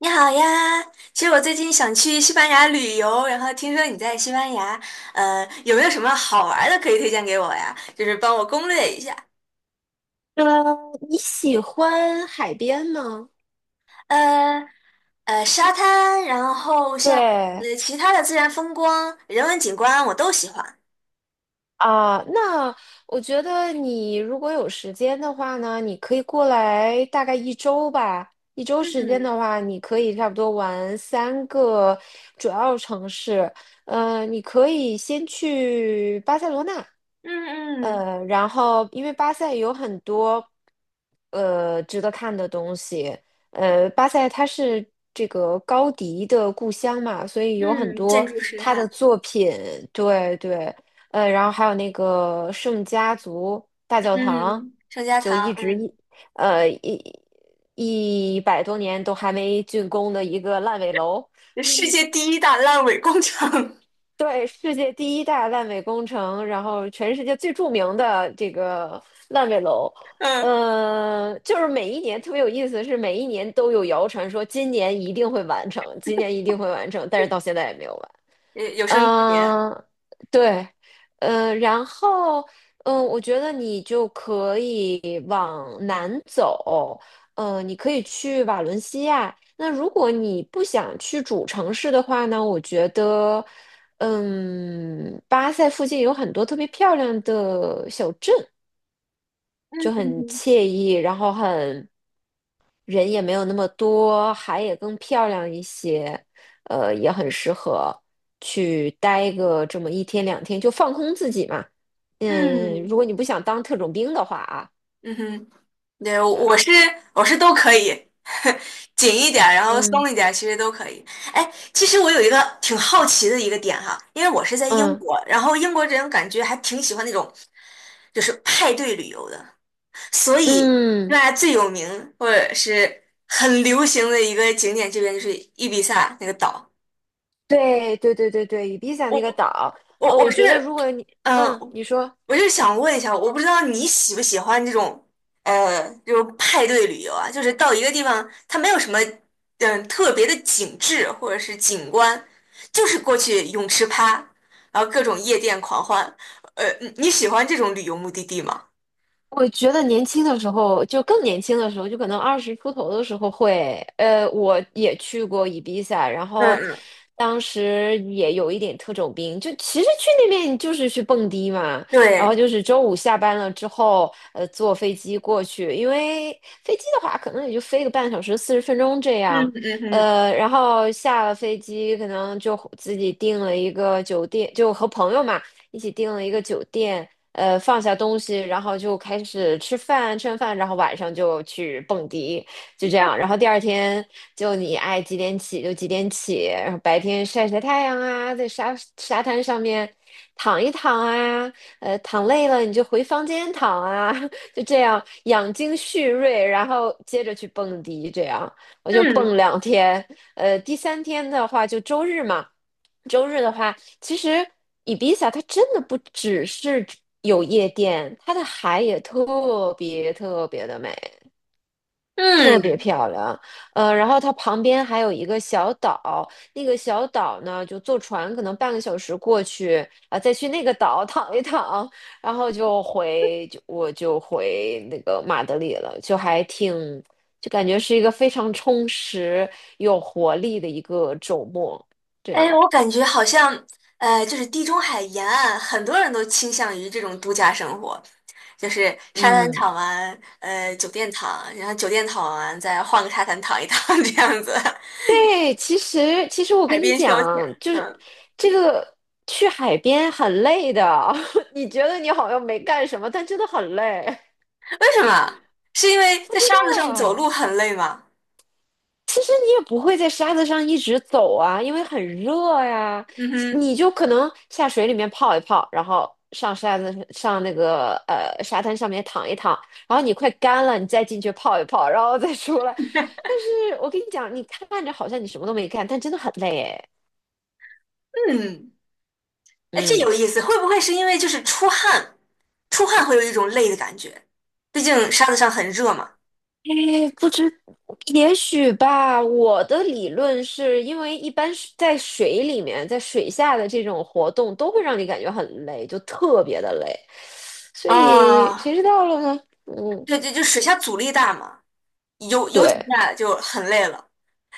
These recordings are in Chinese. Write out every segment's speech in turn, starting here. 你好呀，其实我最近想去西班牙旅游，然后听说你在西班牙，有没有什么好玩儿的可以推荐给我呀？就是帮我攻略一下。呃，你喜欢海边吗？呃沙滩，然后像对。其他的自然风光、人文景观，我都喜欢。那我觉得你如果有时间的话呢，你可以过来大概一周吧。一周时间嗯的话，你可以差不多玩三个主要城市。你可以先去巴塞罗那，嗯嗯然后因为巴塞有很多值得看的东西，巴塞它是这个高迪的故乡嘛，所以有很嗯，建多筑师他哈。的作品。对对。然后还有那个圣家族大教堂，嗯，圣家就堂。一直嗯，呃一100多年都还没竣工的一个烂尾楼。世界第一大烂尾工程。对，世界第一大烂尾工程，然后全世界最著名的这个烂尾楼。嗯，就是每一年特别有意思，是每一年都有谣传说今年一定会完成，今年一定会完成，但是到现在也没有完。有有生之年。嗯。对。嗯。然后，我觉得你就可以往南走。嗯，你可以去瓦伦西亚。那如果你不想去主城市的话呢，我觉得，巴塞附近有很多特别漂亮的小镇，就嗯很哼惬意，然后人也没有那么多，海也更漂亮一些。也很适合去待个这么一天两天，就放空自己嘛。嗯，如嗯果你不想当特种兵的话啊。嗯哼。对，我对。我是我是都可以。紧一点儿，然后嗯松一点儿，其实都可以。哎，其实我有一个挺好奇的一个点哈，因为我是在英嗯国，然后英国人感觉还挺喜欢那种就是派对旅游的，所以嗯。那最有名或者是很流行的一个景点，这边就是伊比萨那个岛。对对对对对，伊比萨我那个岛。我我我是觉得如果你，嗯，呃你说。我就想问一下，我不知道你喜不喜欢这种。这种派对旅游啊，就是到一个地方，它没有什么，特别的景致或者是景观，就是过去泳池趴，然后各种夜店狂欢。你喜欢这种旅游目的地吗？我觉得年轻的时候，就更年轻的时候，就可能20出头的时候会。我也去过伊比萨，然嗯后嗯，当时也有一点特种兵，就其实去那边就是去蹦迪嘛，然后对，就是周五下班了之后，坐飞机过去，因为飞机的话可能也就飞个半小时、40分钟这样。嗯嗯嗯然后下了飞机可能就自己订了一个酒店，就和朋友嘛。一起订了一个酒店，放下东西，然后就开始吃饭，吃完饭，然后晚上就去蹦迪，就这样。然后第2天就你爱几点起就几点起，然后白天晒晒太阳啊，在沙滩上面躺一躺啊。躺累了你就回房间躺啊，就这样养精蓄锐，然后接着去蹦迪，这样我就嗯蹦两天。第3天的话就周日嘛，周日的话，其实伊比萨它真的不只是有夜店，它的海也特别特别的美，特别嗯。漂亮。然后它旁边还有一个小岛，那个小岛呢，就坐船可能半个小时过去啊，再去那个岛躺一躺，然后就回就我就回那个马德里了，就还挺就感觉是一个非常充实、有活力的一个周末，这哎，样。我感觉好像，就是地中海沿岸，很多人都倾向于这种度假生活，就是沙滩嗯。躺完，酒店躺，然后酒店躺完，再换个沙滩躺一躺，这样子，对，其实我海跟你边消遣。讲，就是嗯，这个去海边很累的，你觉得你好像没干什么，但真的很累。为什么？是因为不在知沙子上走道，路很累吗？其实你也不会在沙子上一直走啊，因为很热呀，嗯哼，你就可能下水里面泡一泡，然后上沙子上那个沙滩上面躺一躺，然后你快干了，你再进去泡一泡，然后再出来。但是我跟你讲，你看着好像你什么都没干，但真的很累哎。嗯，哎，这嗯。有意思，会不会是因为就是出汗，出汗会有一种累的感觉？毕竟沙子上很热嘛。哎，不知，也许吧。我的理论是因为一般是在水里面，在水下的这种活动都会让你感觉很累，就特别的累。所以谁啊，知道了呢？嗯，对对，就水下阻力大嘛。有有几对。下就很累了。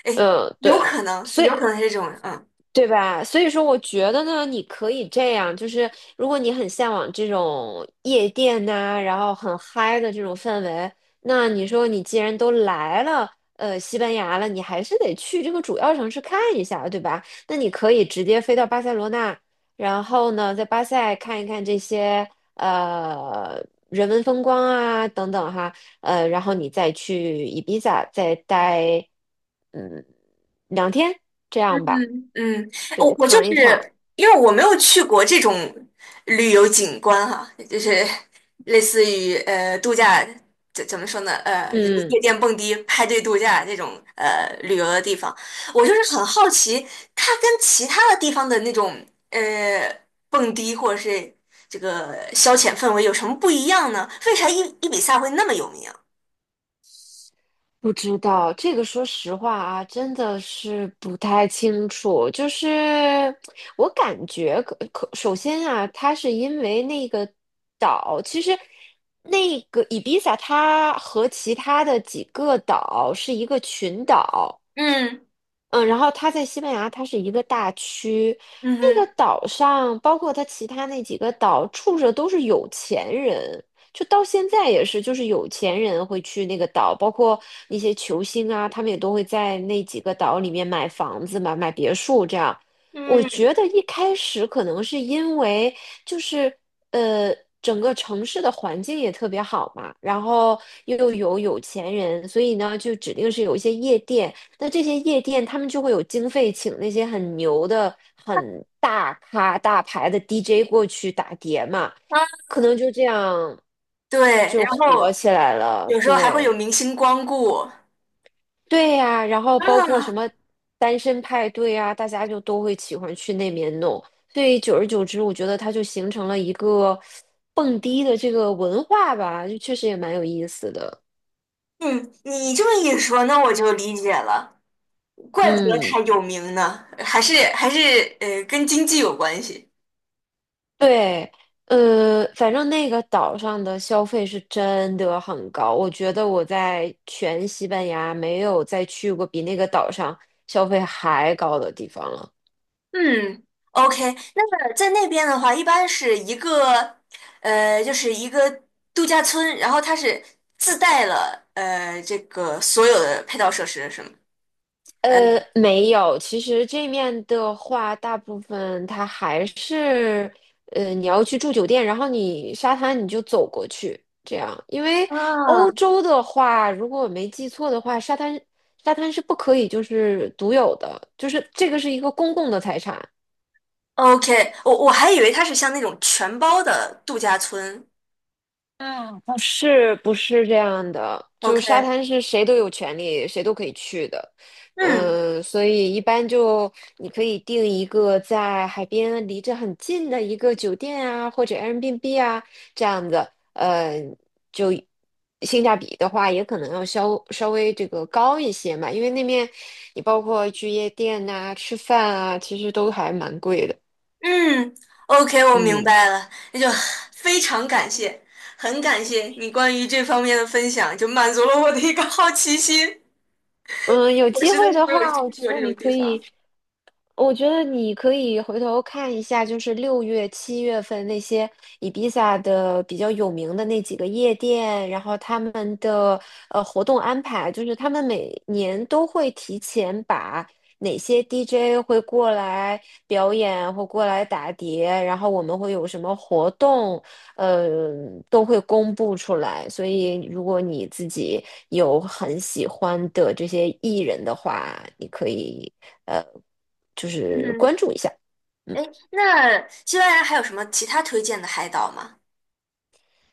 哎，嗯，有对。可能，所以。有可能是这种。嗯对吧？所以说，我觉得呢，你可以这样，就是如果你很向往这种夜店呐、然后很嗨的这种氛围，那你说你既然都来了，西班牙了，你还是得去这个主要城市看一下，对吧？那你可以直接飞到巴塞罗那，然后呢，在巴塞看一看这些人文风光啊等等哈。然后你再去伊比萨再待嗯两天，这样吧。嗯，嗯，我对，我就躺一躺。是因为我没有去过这种旅游景观哈、就是类似于度假，怎么说呢？就是嗯。夜店蹦迪、派对度假这种旅游的地方，我就是很好奇，它跟其他的地方的那种蹦迪或者是这个消遣氛围有什么不一样呢？为啥伊比萨会那么有名啊。不知道这个，说实话啊，真的是不太清楚。就是我感觉首先啊，它是因为那个岛，其实那个伊比萨它和其他的几个岛是一个群岛。嗯嗯，然后它在西班牙，它是一个大区，嗯那个哼，岛上，包括它其他那几个岛，住着都是有钱人，就到现在也是，就是有钱人会去那个岛，包括那些球星啊，他们也都会在那几个岛里面买房子嘛，买别墅这样。我嗯，觉得一开始可能是因为就是整个城市的环境也特别好嘛，然后又有有钱人，所以呢，就指定是有一些夜店，那这些夜店，他们就会有经费请那些很牛的、很大咖、大牌的 DJ 过去打碟嘛，啊，可能就这样对，就然火后起来了。有时候还会对。有明星光顾啊。对呀，然后包括什么单身派对啊，大家就都会喜欢去那边弄。所以久而久之，我觉得它就形成了一个蹦迪的这个文化吧，就确实也蛮有意思的。嗯，你这么一说，那我就理解了，怪不得嗯。他有名呢，还是跟经济有关系。对。反正那个岛上的消费是真的很高，我觉得我在全西班牙没有再去过比那个岛上消费还高的地方了。嗯，OK，那么在那边的话，一般是一个就是一个度假村，然后它是自带了这个所有的配套设施，是吗？嗯。没有，其实这面的话，大部分它还是，你要去住酒店，然后你沙滩你就走过去，这样。因为欧啊，洲的话，如果我没记错的话，沙滩是不可以就是独有的，就是这个是一个公共的财产。OK，我我还以为它是像那种全包的度假村。是不是这样的？就沙 OK，滩是谁都有权利，谁都可以去的。嗯嗯，所以一般就你可以订一个在海边离着很近的一个酒店啊，或者 Airbnb 啊这样子。嗯，就性价比的话，也可能要稍微这个高一些嘛，因为那面你包括去夜店呐、吃饭啊，其实都还蛮贵的。嗯，OK，我明嗯白了，那就非常感谢，很感谢你关于这方面的分享，就满足了我的一个好奇心。嗯，有我机实在会是的没有话，我去觉过得这种你地可以。方。我觉得你可以回头看一下，就是6月、7月份那些伊比萨的比较有名的那几个夜店，然后他们的活动安排，就是他们每年都会提前把哪些 DJ 会过来表演或过来打碟，然后我们会有什么活动，呃，都会公布出来。所以如果你自己有很喜欢的这些艺人的话，你可以。呃。嗯哼，哎，那西班牙还有什么其他推荐的海岛吗？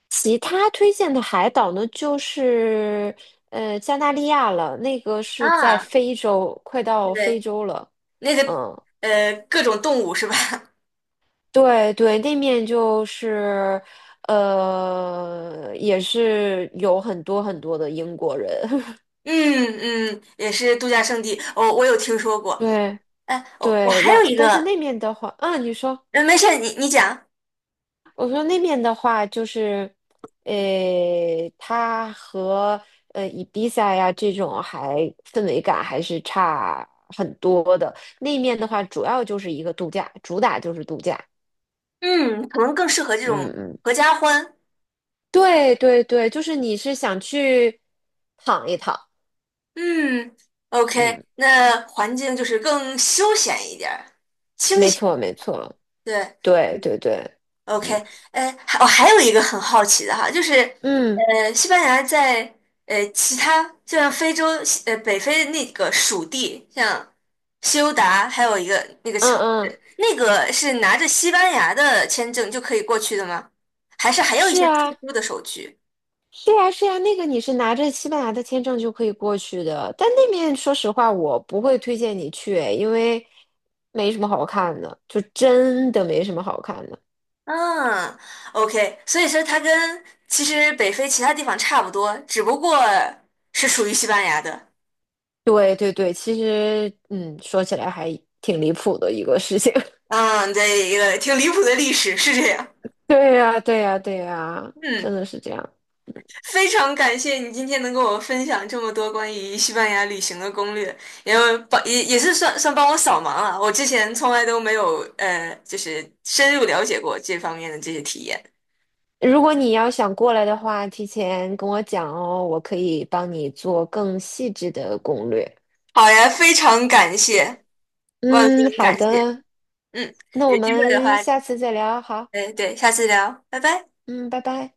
其他推荐的海岛呢，就是加那利亚了，那个是在啊，非洲，快到非对，洲了。那个嗯，各种动物是吧？对对，那面就是也是有很多很多的英国人。嗯嗯，也是度假胜地。我、我有听说过。对哎，我我对，还有一但是个。那面的话，嗯，你说。没事，你你讲。我说那边的话就是，呃，它和伊比萨呀这种氛围感还是差很多的。那面的话，主要就是一个度假，主打就是度假。嗯，可能更适合这嗯种嗯，合家欢。对对对，就是你是想去躺一躺。嗯，OK，嗯，那环境就是更休闲一点儿清没闲，错没错，对，对对对，OK，嗯还我、还有一个很好奇的哈，就是嗯西班牙在其他就像非洲北非那个属地，像西欧达，还有一个那个嗯城嗯，市，那个是拿着西班牙的签证就可以过去的吗？还是还有一是些特啊。殊的手续？是呀，是呀，那个你是拿着西班牙的签证就可以过去的，但那面说实话，我不会推荐你去，因为没什么好看的，就真的没什么好看的。嗯，OK，所以说它跟其实北非其他地方差不多，只不过是属于西班牙的。对对对，其实嗯，说起来还挺离谱的一个事情。嗯，对，一个挺离谱的历史是这样。对呀，对呀，对呀，真嗯。的是这样。非常感谢你今天能跟我分享这么多关于西班牙旅行的攻略，因为帮也也是算算帮我扫盲了，我之前从来都没有就是深入了解过这方面的这些体验。如果你要想过来的话，提前跟我讲哦，我可以帮你做更细致的攻略。好呀，非常感谢，万分嗯，好感谢。的，嗯，那我有机会的们话，下次再聊，好，对对，下次聊，拜拜。嗯，拜拜。